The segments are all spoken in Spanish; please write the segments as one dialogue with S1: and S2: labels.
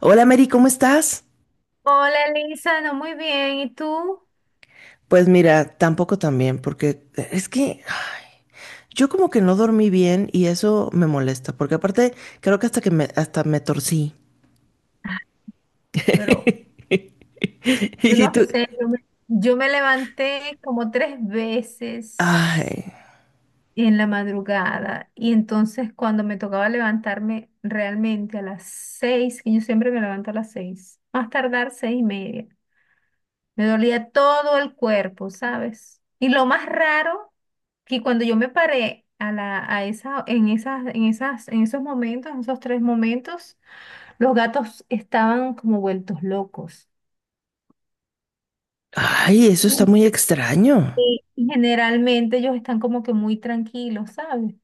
S1: Hola Mary, ¿cómo estás?
S2: Hola, Elisa, no muy bien. ¿Y tú?
S1: Pues mira, tampoco tan bien, porque es que ay, yo como que no dormí bien y eso me molesta, porque aparte creo que hasta que me, hasta me torcí.
S2: Pero yo
S1: Y
S2: no
S1: tú,
S2: sé, yo me levanté como tres veces
S1: ay,
S2: en la madrugada y entonces cuando me tocaba levantarme realmente a las 6, que yo siempre me levanto a las 6, más tardar 6:30, me dolía todo el cuerpo, ¿sabes? Y lo más raro, que cuando yo me paré a la, a esa, en esos tres momentos, los gatos estaban como vueltos locos.
S1: ay, eso está muy extraño.
S2: Y generalmente ellos están como que muy tranquilos, ¿sabes?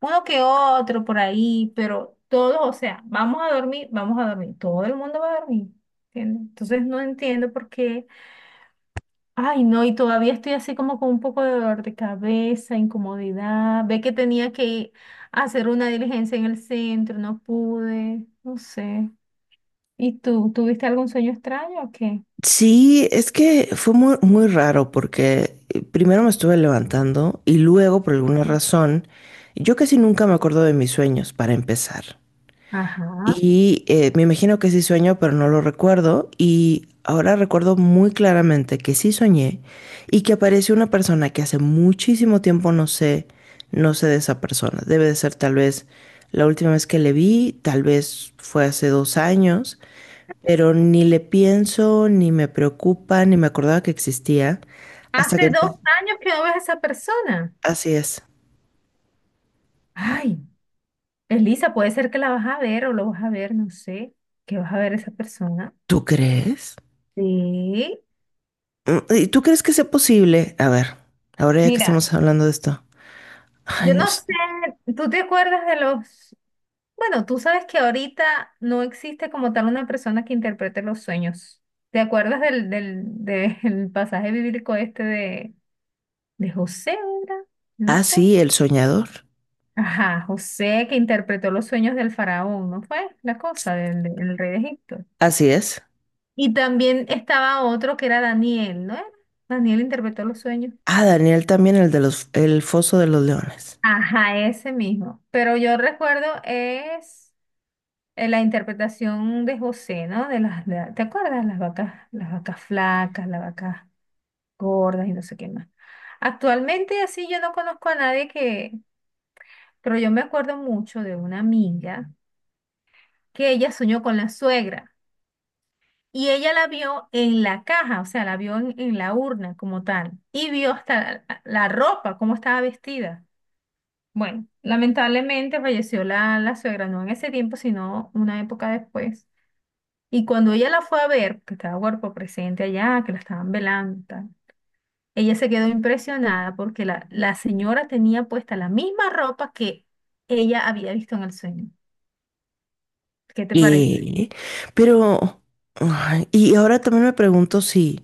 S2: Uno que otro por ahí, pero todos, o sea, vamos a dormir, todo el mundo va a dormir, ¿entiendes? Entonces no entiendo por qué. Ay no, y todavía estoy así como con un poco de dolor de cabeza, incomodidad. Ve que tenía que hacer una diligencia en el centro, no pude, no sé. ¿Y tú, tuviste algún sueño extraño o qué?
S1: Sí, es que fue muy, muy raro porque primero me estuve levantando y luego por alguna razón, yo casi nunca me acuerdo de mis sueños para empezar.
S2: Ajá.
S1: Y me imagino que sí sueño, pero no lo recuerdo. Y ahora recuerdo muy claramente que sí soñé y que apareció una persona que hace muchísimo tiempo no sé, no sé de esa persona. Debe de ser tal vez la última vez que le vi, tal vez fue hace 2 años, pero ni le pienso, ni me preocupa, ni me acordaba que existía hasta que...
S2: Hace dos años que no ves a esa persona.
S1: Así es.
S2: Ay, Elisa, puede ser que la vas a ver o lo vas a ver, no sé, que vas a ver a esa persona.
S1: ¿Tú crees?
S2: Sí.
S1: Mm, ¿y tú crees que sea posible? A ver, ahora ya que
S2: Mira,
S1: estamos hablando de esto. Ay,
S2: yo no
S1: no sé.
S2: sé, ¿tú te acuerdas de los... Bueno, tú sabes que ahorita no existe como tal una persona que interprete los sueños. ¿Te acuerdas del pasaje bíblico este de José, era? No
S1: Ah,
S2: sé.
S1: sí, El Soñador.
S2: Ajá, José que interpretó los sueños del faraón, ¿no fue? La cosa del, del rey de Egipto.
S1: Así es.
S2: Y también estaba otro que era Daniel, ¿no? era? Daniel interpretó los sueños.
S1: Ah, Daniel también, el de los, el Foso de los Leones.
S2: Ajá, ese mismo. Pero yo recuerdo es la interpretación de José, ¿no? De las, ¿te acuerdas? Las vacas flacas, las vacas gordas y no sé qué más. Actualmente así yo no conozco a nadie que, pero yo me acuerdo mucho de una amiga que ella soñó con la suegra. Y ella la vio en la caja, o sea, la vio en la urna como tal, y vio hasta la ropa, cómo estaba vestida. Bueno, lamentablemente falleció la suegra, no en ese tiempo, sino una época después. Y cuando ella la fue a ver, que estaba cuerpo presente allá, que la estaban velando, y tal, ella se quedó impresionada porque la señora tenía puesta la misma ropa que ella había visto en el sueño. ¿Qué te parece?
S1: Y, pero, ay, y ahora también me pregunto si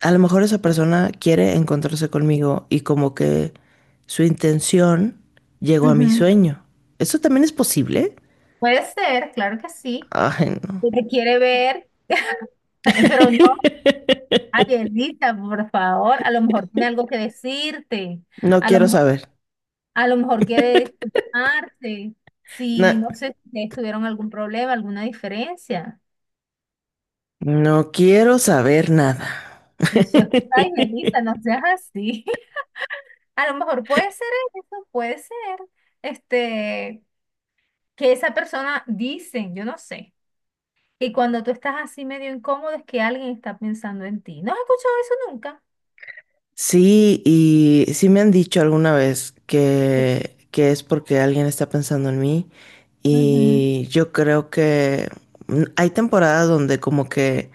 S1: a lo mejor esa persona quiere encontrarse conmigo y como que su intención llegó a mi
S2: Ujú.
S1: sueño. ¿Eso también es posible?
S2: Puede ser, claro que sí.
S1: Ay, no.
S2: Que te quiere ver. Pero no. Ay, Elisa, por favor, a lo mejor tiene algo que decirte,
S1: No
S2: a lo
S1: quiero
S2: mejor,
S1: saber.
S2: a lo mejor quiere disculparse, si
S1: Na-
S2: no sé si ustedes tuvieron algún problema, alguna diferencia.
S1: no quiero saber nada.
S2: Y eso es, ay, Elisa, no seas así. A lo mejor puede ser eso, puede ser, este, que esa persona dice, yo no sé, que cuando tú estás así medio incómodo es que alguien está pensando en ti. ¿No has escuchado eso nunca?
S1: Sí, y sí me han dicho alguna vez
S2: Sí.
S1: que es porque alguien está pensando en mí,
S2: Ujú.
S1: y yo creo que hay temporadas donde como que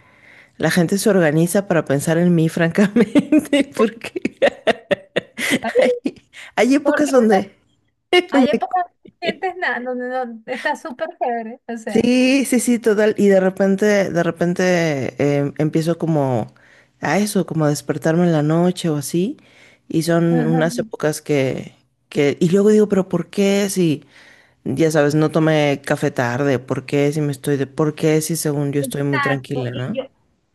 S1: la gente se organiza para pensar en mí, francamente, porque hay, hay épocas
S2: Porque una
S1: donde...
S2: Hay épocas que no sientes nada, donde no, está súper chévere, o sea.
S1: Sí, sí, sí, total. Y de repente empiezo como a eso, como a despertarme en la noche o así. Y son
S2: Ajá.
S1: unas épocas que... Y luego digo, pero ¿por qué? Si... ya sabes, no tomé café tarde, ¿por qué si me estoy de, por qué si según yo estoy muy
S2: Exacto.
S1: tranquila,
S2: Y
S1: ¿no?
S2: yo,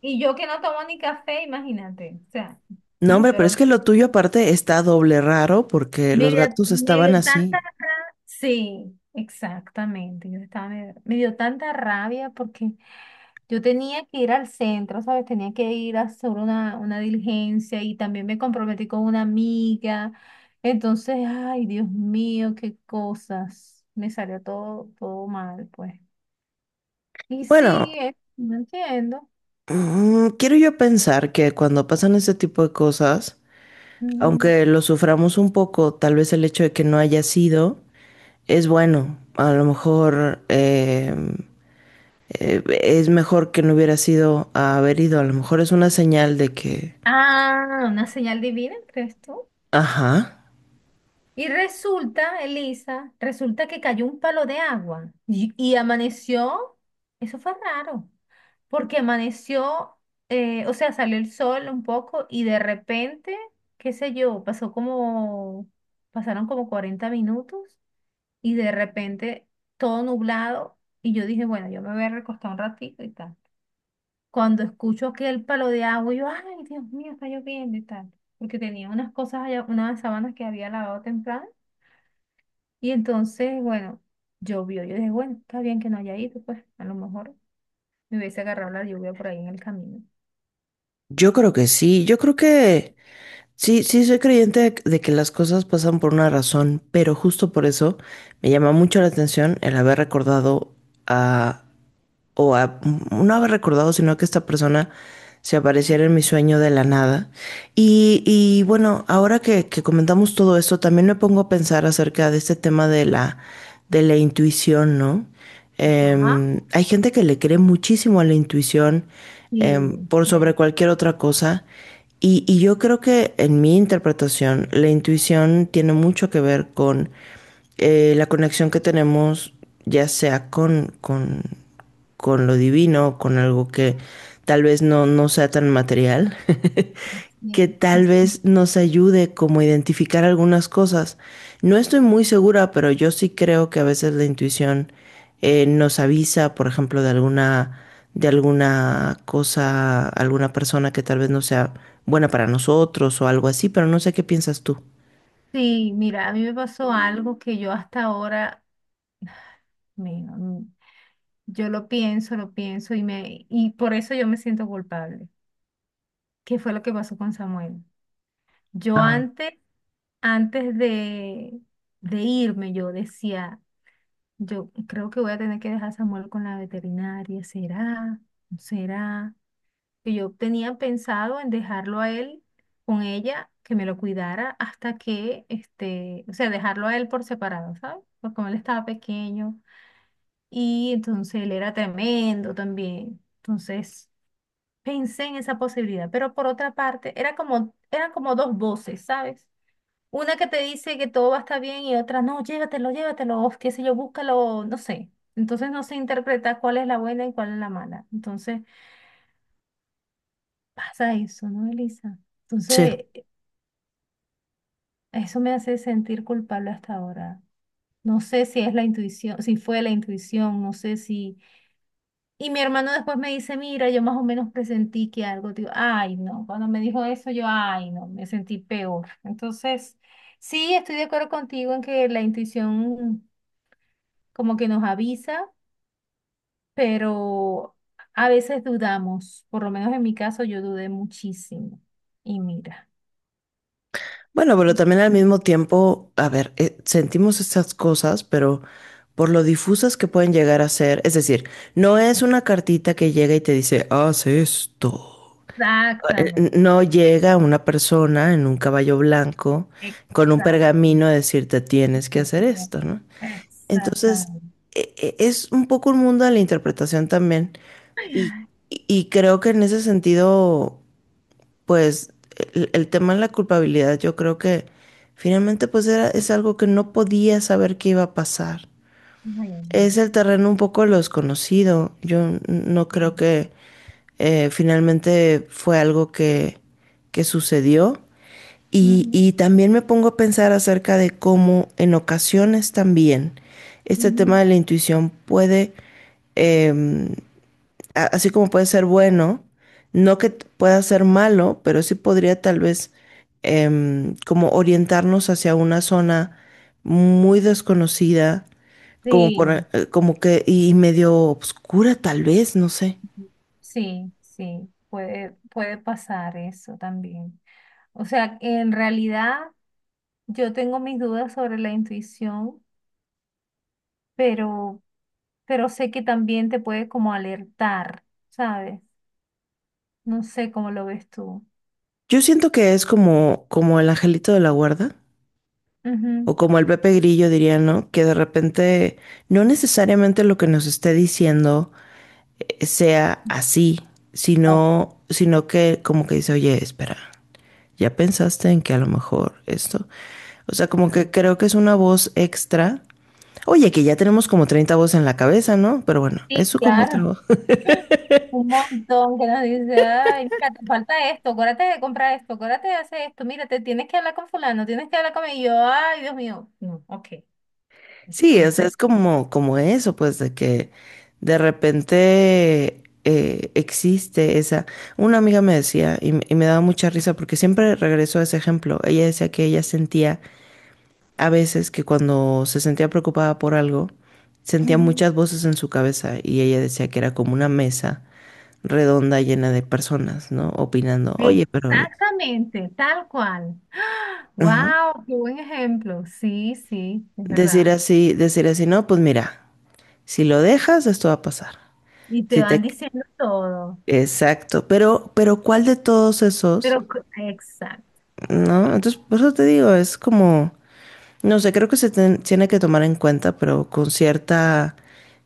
S2: y yo que no tomo ni café, imagínate. O sea,
S1: No,
S2: ay,
S1: hombre, pero
S2: pero
S1: es que lo tuyo aparte está doble raro porque
S2: me
S1: los
S2: dio,
S1: gatos
S2: me
S1: estaban
S2: dio tanta
S1: así.
S2: rabia. Sí, exactamente. Yo estaba medio- me dio tanta rabia porque yo tenía que ir al centro, ¿sabes? Tenía que ir a hacer una diligencia y también me comprometí con una amiga. Entonces, ay, Dios mío, qué cosas. Me salió todo, todo mal, pues. Y
S1: Bueno,
S2: sí, no entiendo.
S1: quiero yo pensar que cuando pasan ese tipo de cosas,
S2: Ujú.
S1: aunque lo suframos un poco, tal vez el hecho de que no haya sido, es bueno. A lo mejor es mejor que no hubiera sido a haber ido. A lo mejor es una señal de que,
S2: Ah, una señal divina, ¿crees tú?
S1: ajá.
S2: Y resulta, Elisa, resulta que cayó un palo de agua y amaneció, eso fue raro, porque amaneció, o sea, salió el sol un poco y de repente, qué sé yo, pasaron como 40 minutos y de repente todo nublado y yo dije, bueno, yo me voy a recostar un ratito y tal. Cuando escucho aquel palo de agua, yo, ay, Dios mío, está lloviendo y tal, porque tenía unas cosas allá, unas sábanas que había lavado temprano, y entonces, bueno, llovió, yo dije, bueno, está bien que no haya ido, pues, a lo mejor me hubiese agarrado la lluvia por ahí en el camino.
S1: Yo creo que sí, yo creo que sí, sí soy creyente de que las cosas pasan por una razón, pero justo por eso me llama mucho la atención el haber recordado a o a- no haber recordado, sino que esta persona se apareciera en mi sueño de la nada. Y bueno, ahora que comentamos todo esto, también me pongo a pensar acerca de este tema de la intuición, ¿no?
S2: Ah,
S1: Hay gente que le cree muchísimo a la intuición,
S2: sí,
S1: por sobre
S2: ver-
S1: cualquier otra cosa. Y, yo creo que en mi interpretación, la intuición tiene mucho que ver con la conexión que tenemos, ya sea con lo divino, con algo que tal vez no, no sea tan material,
S2: así es,
S1: que tal
S2: así.
S1: vez nos ayude como a identificar algunas cosas. No estoy muy segura, pero yo sí creo que a veces la intuición nos avisa, por ejemplo, de alguna cosa, alguna persona que tal vez no sea buena para nosotros o algo así, pero no sé qué piensas tú.
S2: Sí, mira, a mí me pasó algo que yo hasta ahora, me mm, yo lo pienso y por eso yo me siento culpable. ¿Qué fue lo que pasó con Samuel? Yo
S1: Ah,
S2: antes, de irme, yo decía, yo creo que voy a tener que dejar a Samuel con la veterinaria, ¿será? ¿No será? Que yo tenía pensado en dejarlo a él con ella, que me lo cuidara hasta que, este, o sea, dejarlo a él por separado, ¿sabes? Porque como él estaba pequeño y entonces él era tremendo también. Entonces pensé en esa posibilidad, pero por otra parte, era como, eran como dos voces, ¿sabes? Una que te dice que todo va a estar bien y otra, no, llévatelo, llévatelo, o qué sé yo, búscalo, no sé. Entonces no se interpreta cuál es la buena y cuál es la mala. Entonces pasa eso, ¿no, Elisa?
S1: sí.
S2: Entonces eso me hace sentir culpable hasta ahora. No sé si es la intuición, si fue la intuición, no sé si... Y mi hermano después me dice, mira, yo más o menos presentí que algo, digo, ay, no. Cuando me dijo eso, yo, ay, no, me sentí peor. Entonces, sí, estoy de acuerdo contigo en que la intuición... como que nos avisa, pero a veces dudamos, por lo menos en mi caso yo dudé muchísimo. Y mira,
S1: Bueno, pero también al mismo tiempo, a ver, sentimos estas cosas, pero por lo difusas que pueden llegar a ser, es decir, no es una cartita que llega y te dice, haz esto.
S2: exactamente,
S1: No llega una persona en un caballo blanco con un
S2: exacto,
S1: pergamino a decirte tienes que hacer esto, ¿no? Entonces,
S2: exactamente.
S1: es un poco un mundo de la interpretación también.
S2: Ay,
S1: Y,
S2: ay,
S1: y creo que en ese sentido pues el tema de la culpabilidad, yo creo que finalmente pues era, es algo que no podía saber que iba a pasar.
S2: ay,
S1: Es
S2: amiga,
S1: el terreno un poco lo desconocido. Yo no creo
S2: sí,
S1: que finalmente fue algo que sucedió.
S2: ujú,
S1: Y también me pongo a pensar acerca de cómo en ocasiones también este tema
S2: ujú,
S1: de la intuición puede... em, así como puede ser bueno, no que pueda ser malo, pero sí podría tal vez como orientarnos hacia una zona muy desconocida, como por,
S2: sí,
S1: como que y medio obscura tal vez, no sé.
S2: sí, sí, puede pasar eso también. O sea, en realidad yo tengo mis dudas sobre la intuición. pero, pero sé que también te puede como alertar, ¿sabes? No sé cómo lo ves tú.
S1: Yo siento que es como, como el angelito de la guarda,
S2: Ujú.
S1: o como el Pepe Grillo diría, ¿no? Que de repente no necesariamente lo que nos esté diciendo sea así,
S2: Ok.
S1: sino, sino que como que dice, oye, espera. ¿Ya pensaste en que a lo mejor esto? O sea, como que creo que es una voz extra. Oye, que ya tenemos como 30 voces en la cabeza, ¿no? Pero bueno,
S2: Sí,
S1: eso como
S2: claro.
S1: otro.
S2: Un montón que nos dice, ay, mira, te falta esto, acuérdate de comprar esto, acuérdate de hacer esto, mira, te tienes que hablar con fulano, tienes que hablar con y yo, ay, Dios mío. No, ok.
S1: Sí, o sea,
S2: Entonces,
S1: es como, como eso, pues, de que de repente existe esa. Una amiga me decía, y, y me daba mucha risa, porque siempre regreso a ese ejemplo. Ella decía que ella sentía a veces que cuando se sentía preocupada por algo, sentía
S2: ujú,
S1: muchas voces en su cabeza, y ella decía que era como una mesa redonda llena de personas, ¿no? Opinando, oye, pero...
S2: exactamente, tal cual.
S1: ajá.
S2: Wow, qué buen ejemplo. Sí, sí, es verdad.
S1: Decir así, no, pues mira, si lo dejas, esto va a pasar.
S2: Y te
S1: Si te...
S2: van diciendo todo.
S1: Exacto, pero ¿cuál de todos esos?
S2: Pero, exacto. Wow.
S1: ¿No? Entonces, por eso te digo, es como, no sé, creo que se tiene que tomar en cuenta, pero con cierta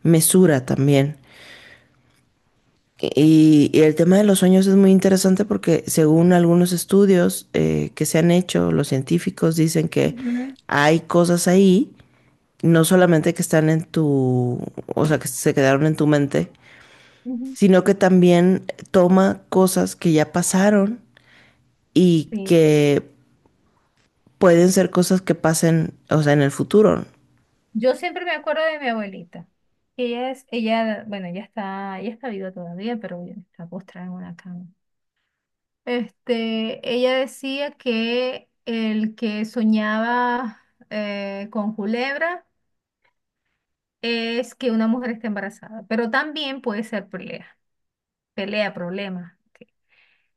S1: mesura también. Y el tema de los sueños es muy interesante porque según algunos estudios que se han hecho, los científicos dicen que
S2: Ujú,
S1: hay cosas ahí, no solamente que están en tu, o sea, que se quedaron en tu mente,
S2: ujú.
S1: sino que también toma cosas que ya pasaron y
S2: Sí.
S1: que pueden ser cosas que pasen, o sea, en el futuro.
S2: Yo siempre me acuerdo de mi abuelita. Bueno, ella está viva todavía, pero bueno, está postrada en una cama. Este, ella decía que el que soñaba con culebra es que una mujer está embarazada, pero también puede ser pelea, pelea, problema.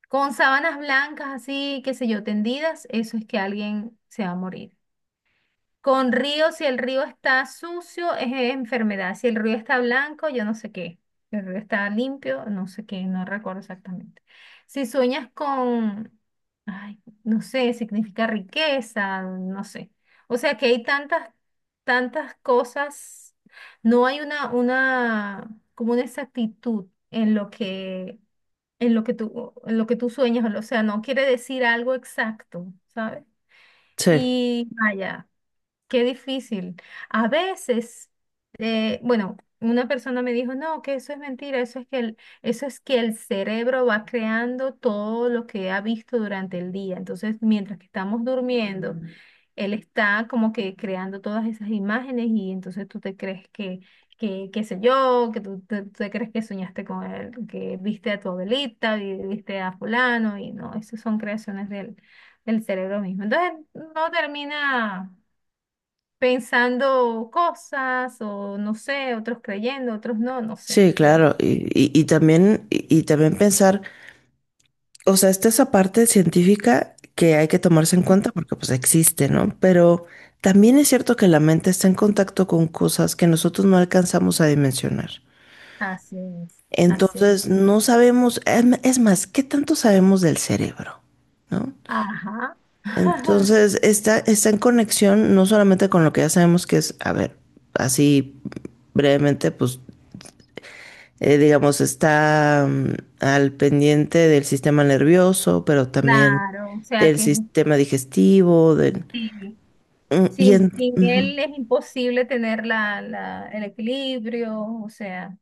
S2: Con sábanas blancas así, qué sé yo, tendidas, eso es que alguien se va a morir. Con río, si el río está sucio, es enfermedad. Si el río está blanco, yo no sé qué. Si el río está limpio, no sé qué, no recuerdo exactamente. Si sueñas con, ay, no sé, significa riqueza, no sé. O sea que hay tantas, tantas cosas. No hay como una exactitud en lo que tú sueñas. O sea, no quiere decir algo exacto, ¿sabes?
S1: Sí,
S2: Y vaya. Qué difícil. A veces, bueno, una persona me dijo, no, que eso es mentira, eso es que el cerebro va creando todo lo que ha visto durante el día. Entonces, mientras que estamos durmiendo, ujú, él está como que creando todas esas imágenes y entonces tú te crees que, qué sé yo, que tú te crees que soñaste con él, que viste a tu abuelita, viste a fulano y no, esas son creaciones del cerebro mismo. Entonces, no termina pensando cosas o no sé, otros creyendo, otros no, no sé,
S1: sí,
S2: de verdad.
S1: claro. Y, y también, y también pensar o sea, está esa parte científica que hay que tomarse en cuenta porque pues existe, ¿no? Pero también es cierto que la mente está en contacto con cosas que nosotros no alcanzamos a dimensionar.
S2: Así, así.
S1: Entonces, no sabemos, es más, ¿qué tanto sabemos del cerebro? ¿No?
S2: Ajá.
S1: Entonces, está, está en conexión no solamente con lo que ya sabemos que es, a ver, así brevemente, pues digamos, está al pendiente del sistema nervioso, pero también
S2: Claro, o sea
S1: del
S2: que
S1: sistema digestivo, del,
S2: sí,
S1: y,
S2: sin, sin
S1: ujú.
S2: él es imposible tener la, el equilibrio, o sea,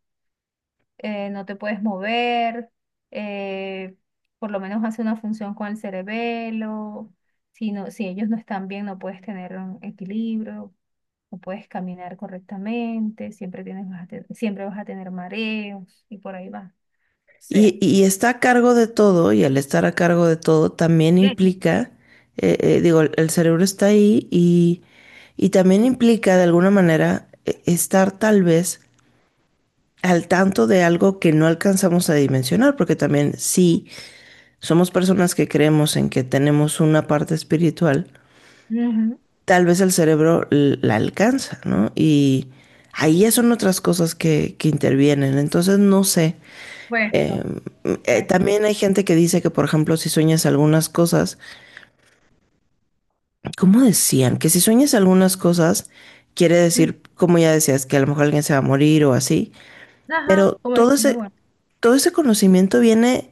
S2: no te puedes mover, eh, por lo menos hace una función con el cerebelo, si, si ellos no están bien no puedes tener un equilibrio. No puedes caminar correctamente, siempre tienes, siempre vas a tener mareos y por ahí va. O sea,
S1: Y, y está a cargo de todo, y al estar a cargo de todo también
S2: ¿qué?
S1: implica, digo, el cerebro está ahí y también implica de alguna manera estar tal vez al tanto de algo que no alcanzamos a dimensionar, porque también sí, somos personas que creemos en que tenemos una parte espiritual,
S2: Ujú,
S1: tal vez el cerebro la alcanza, ¿no? Y ahí ya son otras cosas que intervienen. Entonces, no sé. Eh,
S2: puesto, puesto.
S1: también hay gente que dice que, por ejemplo, si sueñas algunas cosas, ¿cómo decían? Que si sueñas algunas cosas, quiere
S2: Mm,
S1: decir, como ya decías, que a lo mejor alguien se va a morir o así.
S2: ajá,
S1: Pero
S2: como es muy bueno.
S1: todo ese conocimiento viene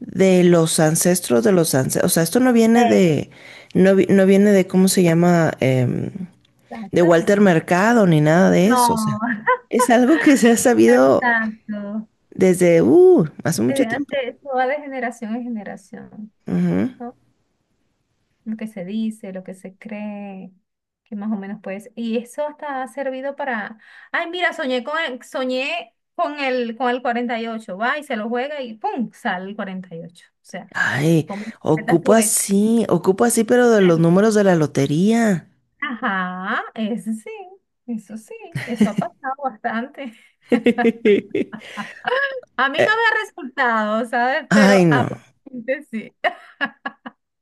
S1: de los ancestros de los ancestros. O sea, esto no viene de, no, no viene de, ¿cómo se llama? De Walter
S2: Exactamente.
S1: Mercado ni nada de eso. O sea,
S2: No.
S1: es algo que se ha sabido
S2: Exacto.
S1: desde hace mucho tiempo.
S2: Eso va de generación en generación.
S1: Ujú.
S2: No lo que se dice, lo que se cree, que más o menos puedes. Y eso hasta ha servido para, ay, mira, con el 48 va y se lo juega y ¡pum! Sale el 48. O sea,
S1: Ay,
S2: ¿cómo interpretas tú eso?
S1: ocupo así, pero de los números de la lotería.
S2: Ajá, eso sí, eso sí, eso ha pasado bastante. A mí no me
S1: Eh,
S2: ha resultado, ¿sabes? Pero
S1: ay,
S2: a
S1: no.
S2: gente sí.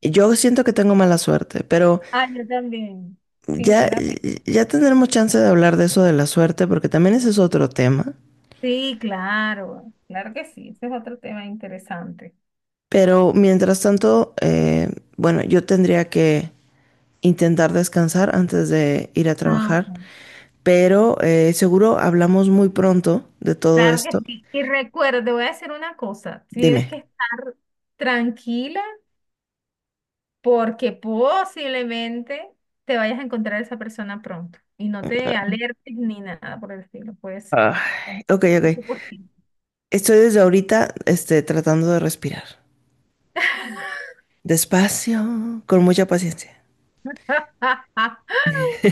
S1: Yo siento que tengo mala suerte, pero
S2: Ah, yo también,
S1: ya,
S2: sinceramente.
S1: ya tendremos chance de hablar de eso de la suerte, porque también ese es otro tema.
S2: Sí, claro, claro que sí, ese es otro tema interesante.
S1: Pero mientras tanto, bueno, yo tendría que intentar descansar antes de ir a
S2: Ah,
S1: trabajar.
S2: ok.
S1: Pero seguro hablamos muy pronto de todo
S2: Claro que
S1: esto.
S2: sí. Y recuerda, te voy a decir una cosa, tienes
S1: Dime.
S2: que estar tranquila porque posiblemente te vayas a encontrar esa persona pronto y no te alertes ni nada por el estilo, puede ser.
S1: Ay, ok, ok.
S2: Es posible.
S1: Estoy desde ahorita, este, tratando de respirar. Despacio, con mucha paciencia.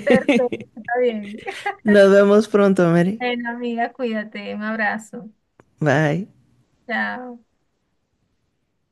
S2: Perfecto, está bien.
S1: Nos vemos pronto, Mary.
S2: Bueno, amiga, cuídate, un abrazo.
S1: Bye.
S2: Chao.